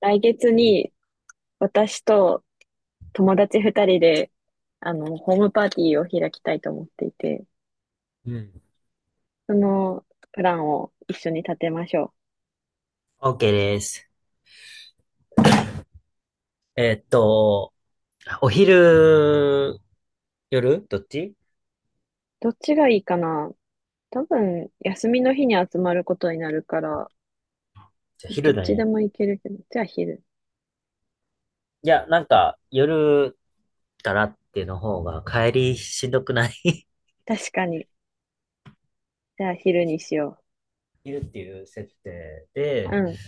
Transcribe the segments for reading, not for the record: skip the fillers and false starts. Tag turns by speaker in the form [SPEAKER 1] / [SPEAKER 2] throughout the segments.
[SPEAKER 1] 来月に私と友達二人で、ホームパーティーを開きたいと思っていて、
[SPEAKER 2] うん。
[SPEAKER 1] そのプランを一緒に立てましょう。
[SPEAKER 2] OK です。えーっと、お昼、夜どっち？
[SPEAKER 1] どっちがいいかな。多分、休みの日に集まることになるから、
[SPEAKER 2] じゃ
[SPEAKER 1] どっ
[SPEAKER 2] 昼だ
[SPEAKER 1] ちで
[SPEAKER 2] ね。
[SPEAKER 1] もいけるけど、じゃあ昼。
[SPEAKER 2] いや、なんか、夜からっていうの方が帰りしんどくない？
[SPEAKER 1] 確かに。じゃあ昼にしよ
[SPEAKER 2] 昼っていう設定で、
[SPEAKER 1] う。うん。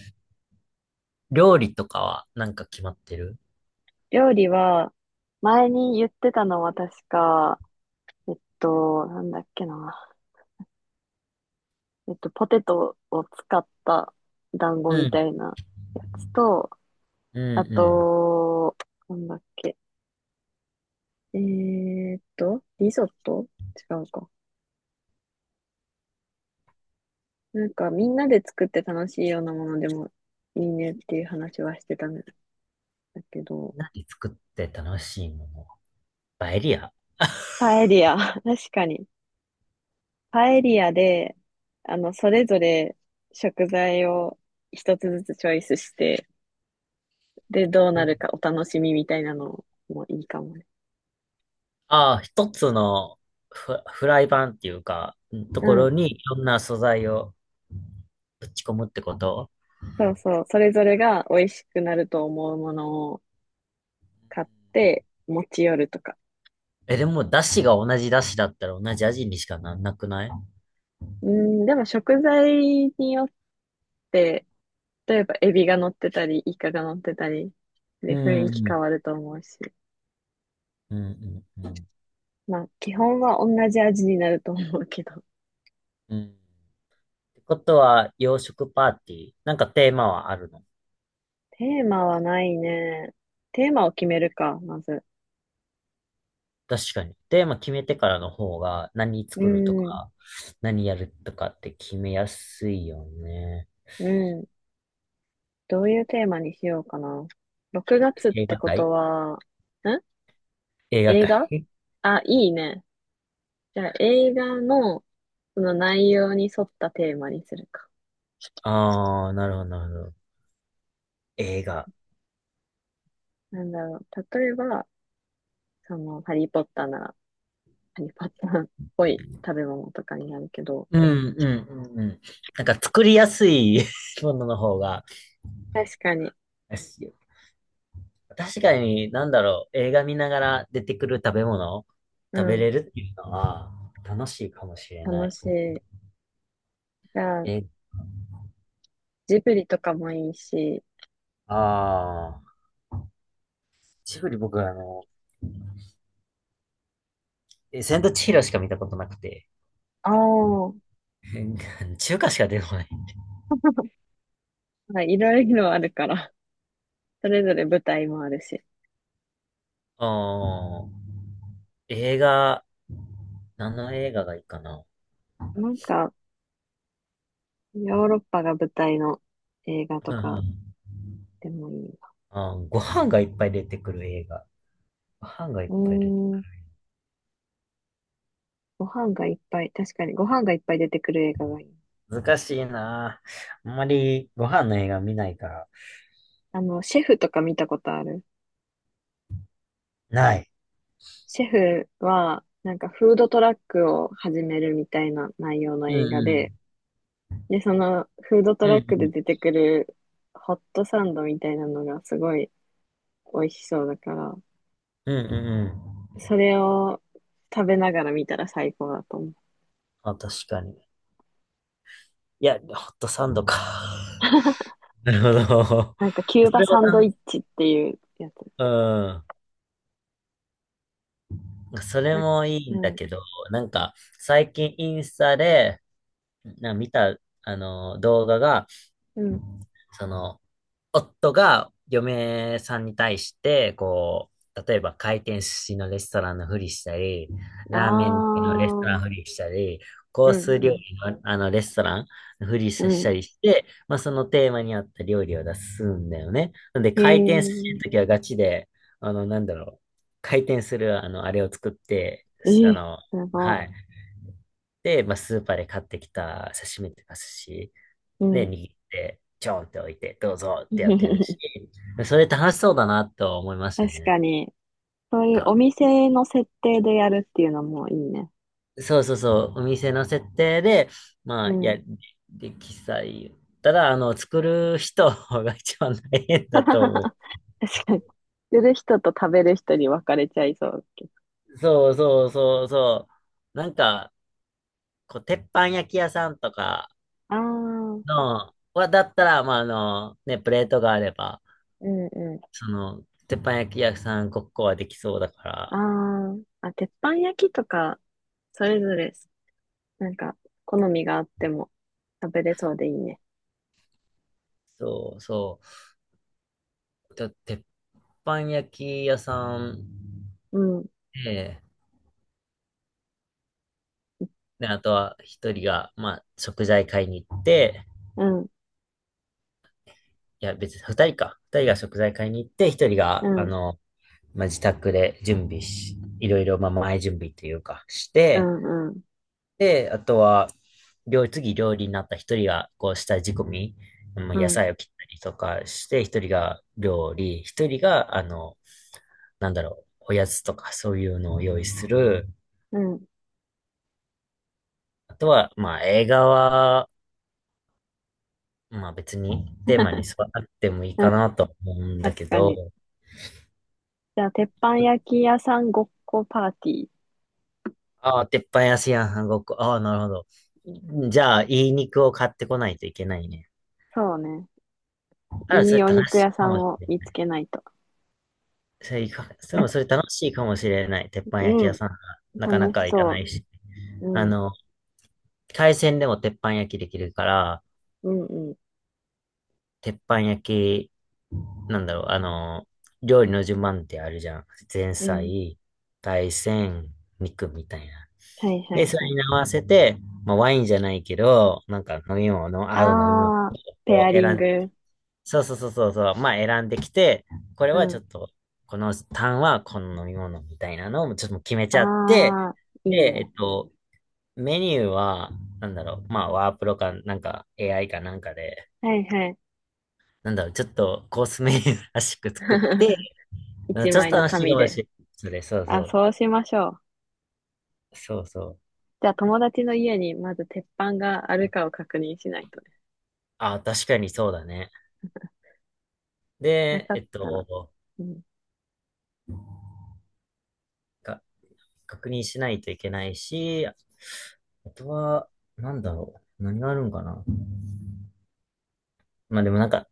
[SPEAKER 2] 料理とかはなんか決まってる？
[SPEAKER 1] 料理は、前に言ってたのは確か、なんだっけな。ポテトを使った団子
[SPEAKER 2] う
[SPEAKER 1] みた
[SPEAKER 2] ん。
[SPEAKER 1] いなやつと、
[SPEAKER 2] うん
[SPEAKER 1] あ
[SPEAKER 2] う
[SPEAKER 1] と、なんだっけ。リゾット、違うか。なんかみんなで作って楽しいようなものでもいいねっていう話はしてたんだけど、
[SPEAKER 2] ん。何作って楽しいもの？パエリア。
[SPEAKER 1] パエリア。確かに。パエリアで、それぞれ食材を一つずつチョイスして、で、どう
[SPEAKER 2] う
[SPEAKER 1] な
[SPEAKER 2] ん。
[SPEAKER 1] るかお楽しみみたいなのもいいかもね。
[SPEAKER 2] ああ、一つのフライパンっていうか、と
[SPEAKER 1] う
[SPEAKER 2] ころ
[SPEAKER 1] ん。
[SPEAKER 2] にいろんな素材をぶち込むってこと？
[SPEAKER 1] そうそう、それぞれが美味しくなると思うものを買って持ち寄るとか。
[SPEAKER 2] え、でも、だしが同じだしだったら同じ味にしかなんなくない？
[SPEAKER 1] うん、でも食材によって、例えばエビが乗ってたり、イカが乗ってたり、
[SPEAKER 2] う
[SPEAKER 1] で、雰囲気
[SPEAKER 2] ん、う
[SPEAKER 1] 変
[SPEAKER 2] ん、
[SPEAKER 1] わると思うし。
[SPEAKER 2] うん、うん。
[SPEAKER 1] まあ、基本は同じ味になると思うけど。
[SPEAKER 2] うん。ってことは、洋食パーティー、なんかテーマはあるの？
[SPEAKER 1] テーマはないね。テーマを決めるか、まず。
[SPEAKER 2] 確かに。テーマ決めてからの方が、何
[SPEAKER 1] う
[SPEAKER 2] 作ると
[SPEAKER 1] ん、
[SPEAKER 2] か、何やるとかって決めやすいよね。
[SPEAKER 1] うん。どういうテーマにしようかな。6月っ
[SPEAKER 2] 映
[SPEAKER 1] て
[SPEAKER 2] 画
[SPEAKER 1] こ
[SPEAKER 2] 界。
[SPEAKER 1] とは、
[SPEAKER 2] 映画
[SPEAKER 1] 映
[SPEAKER 2] 界。
[SPEAKER 1] 画。 あ、いいね。じゃあ、映画の、その内容に沿ったテーマにするか。
[SPEAKER 2] ああー、なるほど、なるほど。映画。
[SPEAKER 1] なんだろう。例えば、ハリーポッターなら、ハリーポッターっぽい食べ物とかになるけど、
[SPEAKER 2] うん、うん、うん、うん。なんか作りやすい ものの方が、
[SPEAKER 1] 確かに、
[SPEAKER 2] 確かに、なんだろう、映画見ながら出てくる食べ物、
[SPEAKER 1] う
[SPEAKER 2] 食べ
[SPEAKER 1] ん、
[SPEAKER 2] れるっていうのは、楽しいかもしれな
[SPEAKER 1] 楽
[SPEAKER 2] い。
[SPEAKER 1] しい。じゃあ、
[SPEAKER 2] え、
[SPEAKER 1] ジブリとかもいいし、
[SPEAKER 2] ああ、ジブリ僕はあの、え千と千尋しか見たことなくて、
[SPEAKER 1] ああ、
[SPEAKER 2] 中華しか出てこない。
[SPEAKER 1] まあいろいろあるから、それぞれ舞台もあるし。
[SPEAKER 2] ああ、映画、何の映画がいいかな。
[SPEAKER 1] なんか、ヨーロッパが舞台の映画 と
[SPEAKER 2] う
[SPEAKER 1] か
[SPEAKER 2] ん。
[SPEAKER 1] でもいいな。
[SPEAKER 2] あー、ご飯がいっぱい出てくる映画。ご飯がいっ
[SPEAKER 1] う
[SPEAKER 2] ぱい出て。
[SPEAKER 1] ーん、ご飯がいっぱい、確かにご飯がいっぱい出てくる映画がいい。
[SPEAKER 2] 難しいなあ。あんまりご飯の映画見ないから。
[SPEAKER 1] シェフとか見たことある？
[SPEAKER 2] ない。
[SPEAKER 1] シェフは、なんかフードトラックを始めるみたいな内容の
[SPEAKER 2] うん
[SPEAKER 1] 映画
[SPEAKER 2] う
[SPEAKER 1] で、
[SPEAKER 2] ん。
[SPEAKER 1] で、そのフードト
[SPEAKER 2] うん
[SPEAKER 1] ラ
[SPEAKER 2] う
[SPEAKER 1] ックで
[SPEAKER 2] ん
[SPEAKER 1] 出てくるホットサンドみたいなのがすごい美味しそうだから、
[SPEAKER 2] うんうんうん。
[SPEAKER 1] それを食べながら見たら最高だと思う。
[SPEAKER 2] あ、確かに。いや、ホットサンドか。なるほど。
[SPEAKER 1] なんかキュー
[SPEAKER 2] そ
[SPEAKER 1] バ
[SPEAKER 2] れも
[SPEAKER 1] サンド
[SPEAKER 2] 楽
[SPEAKER 1] イッ
[SPEAKER 2] し。
[SPEAKER 1] チっていうやつ。
[SPEAKER 2] うん。そ
[SPEAKER 1] あ、
[SPEAKER 2] れもい
[SPEAKER 1] う
[SPEAKER 2] いんだ
[SPEAKER 1] ん、
[SPEAKER 2] けど、なんか、最近インスタで、な見た、あの、動画が、
[SPEAKER 1] うん。
[SPEAKER 2] その、夫が嫁さんに対して、こう、例えば回転寿司のレストランのふりしたり、
[SPEAKER 1] あ
[SPEAKER 2] ラーメンのレストラン
[SPEAKER 1] あ、
[SPEAKER 2] のふりしたり、コ
[SPEAKER 1] う
[SPEAKER 2] ー
[SPEAKER 1] ん、
[SPEAKER 2] ス料
[SPEAKER 1] うん、
[SPEAKER 2] 理の、あのレストランのふりし
[SPEAKER 1] うん。
[SPEAKER 2] たりして、まあ、そのテーマに合った料理を出すんだよね。なんで
[SPEAKER 1] へ
[SPEAKER 2] 回転寿司
[SPEAKER 1] え、
[SPEAKER 2] の時はガチで、あの、なんだろう、回転する、あの、あれを作って、
[SPEAKER 1] え
[SPEAKER 2] あ
[SPEAKER 1] え、
[SPEAKER 2] の、
[SPEAKER 1] すご
[SPEAKER 2] はい。で、まあ、スーパーで買ってきた刺身とか寿司
[SPEAKER 1] い。う
[SPEAKER 2] ね、
[SPEAKER 1] ん。
[SPEAKER 2] 握って、ちょんって置いて、どうぞってやってるし、それ楽しそうだなと思いました
[SPEAKER 1] 確
[SPEAKER 2] ね。
[SPEAKER 1] かに。そういう
[SPEAKER 2] か、
[SPEAKER 1] お店の設定でやるっていうのもいいね。
[SPEAKER 2] そうそうそう、お店の設定で、ま
[SPEAKER 1] う
[SPEAKER 2] あ、
[SPEAKER 1] ん。
[SPEAKER 2] や、で、喫茶言ったら、あの、作る人が一番大変 だと思
[SPEAKER 1] 確かに。売る人と食べる人に分かれちゃいそうけど。
[SPEAKER 2] う。そうそうそうそう。なんか、こう、鉄板焼き屋さんとか
[SPEAKER 1] ああ、うん
[SPEAKER 2] の、は、だったら、まあ、あの、ね、プレートがあれば、
[SPEAKER 1] う
[SPEAKER 2] その、鉄板焼き屋さんごっこはできそうだか
[SPEAKER 1] ん。
[SPEAKER 2] ら、
[SPEAKER 1] ああ、あ、鉄板焼きとか、それぞれ、なんか、好みがあっても食べれそうでいいね。
[SPEAKER 2] そうそう。と、鉄板焼き屋さん
[SPEAKER 1] うん、
[SPEAKER 2] で、で、あとは一人が、まあ、食材買いに行って、
[SPEAKER 1] うん、
[SPEAKER 2] いや、別に二人か。二人が食材買いに行って、一人
[SPEAKER 1] う
[SPEAKER 2] が、あ
[SPEAKER 1] ん、
[SPEAKER 2] の、まあ、自宅で準備し、いろいろ、まあ、前準備というか、し
[SPEAKER 1] う
[SPEAKER 2] て、
[SPEAKER 1] ん、うん、
[SPEAKER 2] で、あとは、料理、次料理になった一人が、こう、下仕込み、もう
[SPEAKER 1] う
[SPEAKER 2] 野
[SPEAKER 1] ん、
[SPEAKER 2] 菜を切ったりとかして、一人が料理、一人が、あの、なんだろう、おやつとかそういうのを用意する、
[SPEAKER 1] うん、う
[SPEAKER 2] あとは、まあ映画は、まあ別に
[SPEAKER 1] ん、
[SPEAKER 2] テーマに沿 わなくてもいいかなと思うんだ
[SPEAKER 1] 確
[SPEAKER 2] け
[SPEAKER 1] かに。
[SPEAKER 2] ど、
[SPEAKER 1] じゃあ、鉄板焼き屋さんごっこパーティー。
[SPEAKER 2] ああ、鉄板安いやん、韓国。ああ、なるほど。じゃあ、いい肉を買ってこないといけないね。
[SPEAKER 1] そうね。
[SPEAKER 2] あら、
[SPEAKER 1] い
[SPEAKER 2] そ
[SPEAKER 1] い
[SPEAKER 2] れ
[SPEAKER 1] お
[SPEAKER 2] 楽
[SPEAKER 1] 肉
[SPEAKER 2] しい
[SPEAKER 1] 屋さ
[SPEAKER 2] か
[SPEAKER 1] ん
[SPEAKER 2] もし
[SPEAKER 1] を
[SPEAKER 2] れ
[SPEAKER 1] 見
[SPEAKER 2] な
[SPEAKER 1] つ
[SPEAKER 2] い。
[SPEAKER 1] けないと。
[SPEAKER 2] それいか、それもそれ楽しいかもしれない。鉄板
[SPEAKER 1] う
[SPEAKER 2] 焼き屋
[SPEAKER 1] ん。
[SPEAKER 2] さんがなかな
[SPEAKER 1] 楽し
[SPEAKER 2] か行か
[SPEAKER 1] そ
[SPEAKER 2] ないし。
[SPEAKER 1] う。
[SPEAKER 2] あ
[SPEAKER 1] うん。
[SPEAKER 2] の、海鮮でも鉄板焼きできるから、
[SPEAKER 1] うん、うん、
[SPEAKER 2] 鉄板焼きなんだろう、あの、料理の順番ってあるじゃん。前
[SPEAKER 1] うん。
[SPEAKER 2] 菜、海鮮、肉みたいな。
[SPEAKER 1] はい、は
[SPEAKER 2] で、
[SPEAKER 1] い、
[SPEAKER 2] そ
[SPEAKER 1] は
[SPEAKER 2] れ
[SPEAKER 1] い。
[SPEAKER 2] に合わせて、まあ、ワインじゃないけど、なんか飲み物、合う飲み物
[SPEAKER 1] ああ、ペ
[SPEAKER 2] を
[SPEAKER 1] ア
[SPEAKER 2] 選
[SPEAKER 1] リン
[SPEAKER 2] ん、
[SPEAKER 1] グ。
[SPEAKER 2] そうそうそうそうそう、まあ選んできて、これ
[SPEAKER 1] う
[SPEAKER 2] はちょ
[SPEAKER 1] ん。
[SPEAKER 2] っと、このターンはこの飲み物みたいなのをちょっと決めち
[SPEAKER 1] あ
[SPEAKER 2] ゃって、
[SPEAKER 1] あ、いい
[SPEAKER 2] で、
[SPEAKER 1] ね。
[SPEAKER 2] メニューは、なんだろう、まあワープロか、なんか AI かなんかで、
[SPEAKER 1] はい、はい。
[SPEAKER 2] なんだろう、ちょっとコースメニューらしく作って、うん。
[SPEAKER 1] 一
[SPEAKER 2] ちょっ
[SPEAKER 1] 枚
[SPEAKER 2] と
[SPEAKER 1] の
[SPEAKER 2] 楽しいか
[SPEAKER 1] 紙
[SPEAKER 2] もし
[SPEAKER 1] で。
[SPEAKER 2] れない。それ、そうそ
[SPEAKER 1] あ、
[SPEAKER 2] う。
[SPEAKER 1] そうしましょう。
[SPEAKER 2] そうそう。
[SPEAKER 1] じゃあ、友達の家にまず鉄板があるかを確認しないとね。
[SPEAKER 2] あ、確かにそうだね。
[SPEAKER 1] な
[SPEAKER 2] で、
[SPEAKER 1] かったら。うん。
[SPEAKER 2] か、確認しないといけないし、あとは、なんだろう。何があるんかな。まあでもなんか、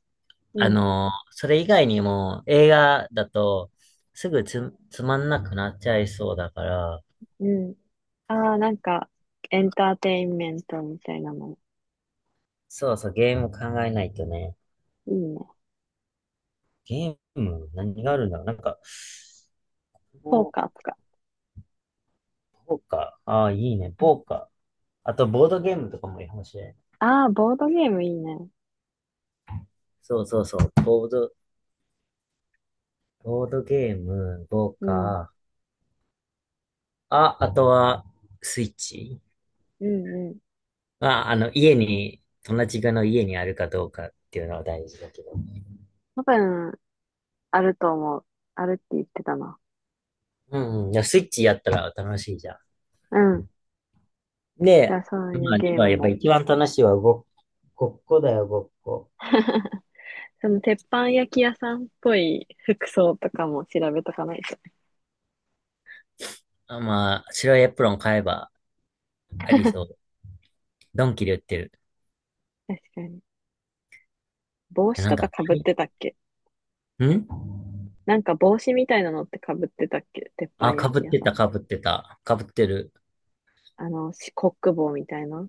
[SPEAKER 1] うん、
[SPEAKER 2] それ以外にも映画だと、すぐつまんなくなっちゃいそうだから、
[SPEAKER 1] うん。ああ、なんか、エンターテインメントみたいなの。
[SPEAKER 2] そうそう、ゲーム考えないとね。
[SPEAKER 1] いいね。
[SPEAKER 2] ゲーム、何があるんだろう。なんか、ポ
[SPEAKER 1] ポーカーとか。
[SPEAKER 2] ポーカー。ああ、いいね。ポーカー。あと、ボードゲームとかもいいかもしれん。
[SPEAKER 1] ああー、ボードゲームいいね。
[SPEAKER 2] そうそうそう。ボードゲーム5
[SPEAKER 1] うん。
[SPEAKER 2] か。あ、あとは、スイッチ。
[SPEAKER 1] うん、うん。
[SPEAKER 2] まあ、あの、家に、友達がの家にあるかどうかっていうのは大事だけど。
[SPEAKER 1] 多分、あると思う。あるって言ってたな。
[SPEAKER 2] うんうん。いや、スイッチやったら楽しいじゃん。
[SPEAKER 1] うん。じゃ
[SPEAKER 2] で、
[SPEAKER 1] あそう
[SPEAKER 2] ま
[SPEAKER 1] いう
[SPEAKER 2] あ、
[SPEAKER 1] ゲー
[SPEAKER 2] 今
[SPEAKER 1] ム
[SPEAKER 2] やっぱ
[SPEAKER 1] も。
[SPEAKER 2] 一番楽しいはごっこだよ、ごっこ。
[SPEAKER 1] その鉄板焼き屋さんっぽい服装とかも調べとかないと。
[SPEAKER 2] あ、まあ、白いエプロン買えばありそう。ドンキで売ってる。
[SPEAKER 1] 確かに。帽
[SPEAKER 2] いや
[SPEAKER 1] 子
[SPEAKER 2] な
[SPEAKER 1] と
[SPEAKER 2] んか、
[SPEAKER 1] か
[SPEAKER 2] は
[SPEAKER 1] 被ってたっけ？
[SPEAKER 2] いん
[SPEAKER 1] なんか帽子みたいなのって被ってたっけ鉄板
[SPEAKER 2] あ、か
[SPEAKER 1] 焼
[SPEAKER 2] ぶっ
[SPEAKER 1] き屋
[SPEAKER 2] て
[SPEAKER 1] さ
[SPEAKER 2] た、
[SPEAKER 1] ん？
[SPEAKER 2] かぶってた。かぶってる。
[SPEAKER 1] コック帽みたいな。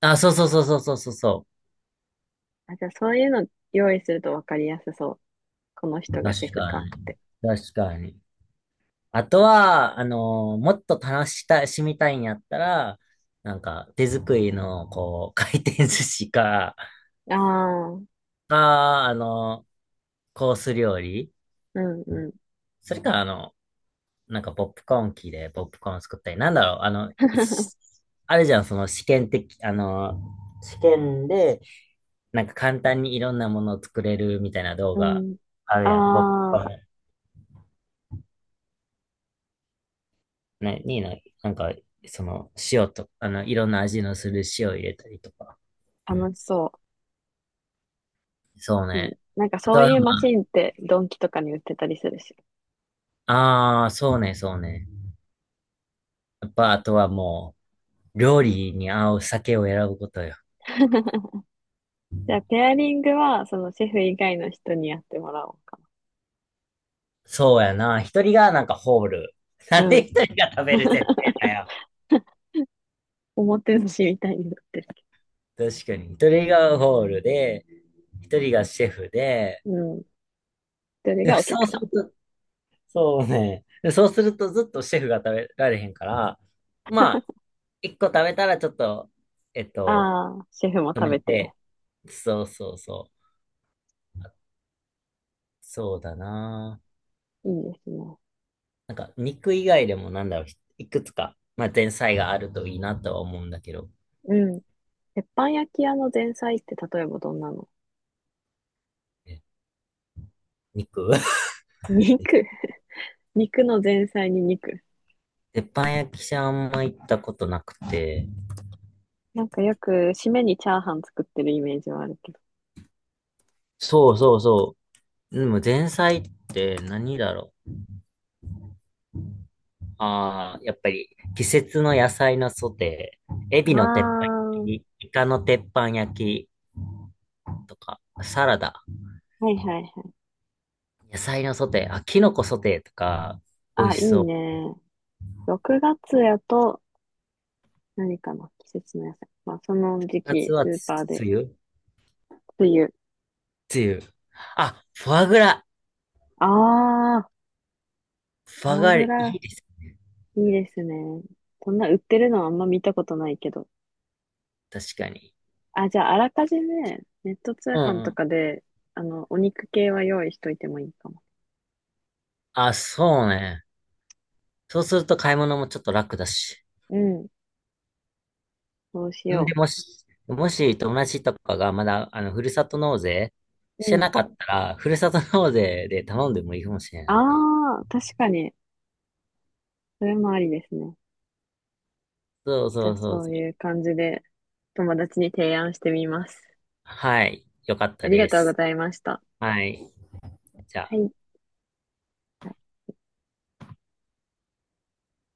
[SPEAKER 2] あ、そうそうそうそうそうそう。
[SPEAKER 1] あ、じゃあそういうの用意すると分かりやすそう。この人がシェ
[SPEAKER 2] 確
[SPEAKER 1] フ
[SPEAKER 2] か
[SPEAKER 1] かっ
[SPEAKER 2] に。
[SPEAKER 1] て。
[SPEAKER 2] 確かに。あとは、もっと楽したしみたいんやったら、なんか、手作りの、こう、回転寿司か、
[SPEAKER 1] ああ、うん
[SPEAKER 2] か、コース料理。
[SPEAKER 1] うん。
[SPEAKER 2] それか、あの、なんか、ポップコーン機でポップコーン作ったり、なんだろう、あの、いし あるじゃん、その試験的、試験で、なんか簡単にいろんなものを作れるみたいな動
[SPEAKER 1] う
[SPEAKER 2] 画
[SPEAKER 1] ん。
[SPEAKER 2] あるやん。ポップコー
[SPEAKER 1] あ
[SPEAKER 2] ンね、にな、なんか、その、塩と、あの、いろんな味のする塩入れたりとか。
[SPEAKER 1] あ、楽しそう。
[SPEAKER 2] そう
[SPEAKER 1] うん。
[SPEAKER 2] ね。
[SPEAKER 1] なんか
[SPEAKER 2] あ
[SPEAKER 1] そ
[SPEAKER 2] と
[SPEAKER 1] う
[SPEAKER 2] は、
[SPEAKER 1] いうマ
[SPEAKER 2] ま
[SPEAKER 1] シンってドンキとかに売ってたりするし。
[SPEAKER 2] あ、あーそうね、そうね。やっぱ、あとはもう、料理に合う酒を選ぶことよ。
[SPEAKER 1] じゃあ、ペアリングは、そのシェフ以外の人にやってもらおうか
[SPEAKER 2] そうやな。一人がなんかホール。
[SPEAKER 1] な。
[SPEAKER 2] なんで
[SPEAKER 1] うん。
[SPEAKER 2] 一人が食べる設定だ よ。
[SPEAKER 1] おもてなしみたいになってるけ
[SPEAKER 2] 確かに。一人がホールで、一人がシェフで、
[SPEAKER 1] ど。うん。それが
[SPEAKER 2] で
[SPEAKER 1] お
[SPEAKER 2] そ
[SPEAKER 1] 客
[SPEAKER 2] う
[SPEAKER 1] さ
[SPEAKER 2] する
[SPEAKER 1] ん。
[SPEAKER 2] と、そうね。でそうするとずっとシェフが食べられへんから、まあ、一個食べたらちょっと、えっと、
[SPEAKER 1] ああ、シェフも
[SPEAKER 2] 止
[SPEAKER 1] 食
[SPEAKER 2] め
[SPEAKER 1] べて。
[SPEAKER 2] て、そうそうそう。そうだな。
[SPEAKER 1] いいですね。
[SPEAKER 2] なんか、肉以外でもなんだろう、いくつか、まあ、前菜があるといいなとは思うんだけど、
[SPEAKER 1] うん。鉄板焼き屋の前菜って例えばどんなの？
[SPEAKER 2] え肉
[SPEAKER 1] 肉。肉の前菜に肉。
[SPEAKER 2] 鉄板焼きじゃあんま行ったことなくて。
[SPEAKER 1] なんかよく、締めにチャーハン作ってるイメージはあるけど。
[SPEAKER 2] そうそうそう。でも前菜って何だろう。ああ、やっぱり季節の野菜のソテー、エ
[SPEAKER 1] ああ、
[SPEAKER 2] ビの鉄板
[SPEAKER 1] は
[SPEAKER 2] 焼き、イカの鉄板焼きとか、サラダ、
[SPEAKER 1] いはいはい。
[SPEAKER 2] 野菜のソテー、あ、キノコソテーとか、美味
[SPEAKER 1] あ、い
[SPEAKER 2] し
[SPEAKER 1] い
[SPEAKER 2] そう。
[SPEAKER 1] ね。6月やと、何かの季節の野菜。まあ、その時
[SPEAKER 2] 夏
[SPEAKER 1] 期、ス
[SPEAKER 2] は
[SPEAKER 1] ー
[SPEAKER 2] つ、
[SPEAKER 1] パーで、
[SPEAKER 2] 梅雨。
[SPEAKER 1] 冬。
[SPEAKER 2] 梅雨。あ、フォアグラ。
[SPEAKER 1] ああ、
[SPEAKER 2] フォアグ
[SPEAKER 1] フ
[SPEAKER 2] ラ
[SPEAKER 1] グ
[SPEAKER 2] い
[SPEAKER 1] ラ、
[SPEAKER 2] いです。
[SPEAKER 1] いいですね。そんな売ってるのはあんま見たことないけど。
[SPEAKER 2] 確かに。
[SPEAKER 1] あ、じゃあ、あらかじめ、ネット通
[SPEAKER 2] うん
[SPEAKER 1] 販
[SPEAKER 2] う
[SPEAKER 1] と
[SPEAKER 2] ん。
[SPEAKER 1] かで、お肉系は用意しといてもいいかも。
[SPEAKER 2] あ、そうね。そうすると買い物もちょっと楽だし。
[SPEAKER 1] うん、そうし
[SPEAKER 2] ん
[SPEAKER 1] よ
[SPEAKER 2] で、もし友達とかがまだ、あの、ふるさと納税し
[SPEAKER 1] う。
[SPEAKER 2] て
[SPEAKER 1] うん。
[SPEAKER 2] なかったら、ふるさと納税で頼んでもいいかもしれ
[SPEAKER 1] あ
[SPEAKER 2] ないね。
[SPEAKER 1] あ、確かに、それもありですね。
[SPEAKER 2] そう
[SPEAKER 1] じ
[SPEAKER 2] そ
[SPEAKER 1] ゃあ、
[SPEAKER 2] うそ
[SPEAKER 1] そ
[SPEAKER 2] うそ
[SPEAKER 1] うい
[SPEAKER 2] う。
[SPEAKER 1] う感じで、友達に提案してみます。
[SPEAKER 2] はい。よかっ
[SPEAKER 1] あ
[SPEAKER 2] た
[SPEAKER 1] りが
[SPEAKER 2] で
[SPEAKER 1] とうご
[SPEAKER 2] す。
[SPEAKER 1] ざいました。
[SPEAKER 2] はい。じゃ
[SPEAKER 1] は
[SPEAKER 2] あ。
[SPEAKER 1] い。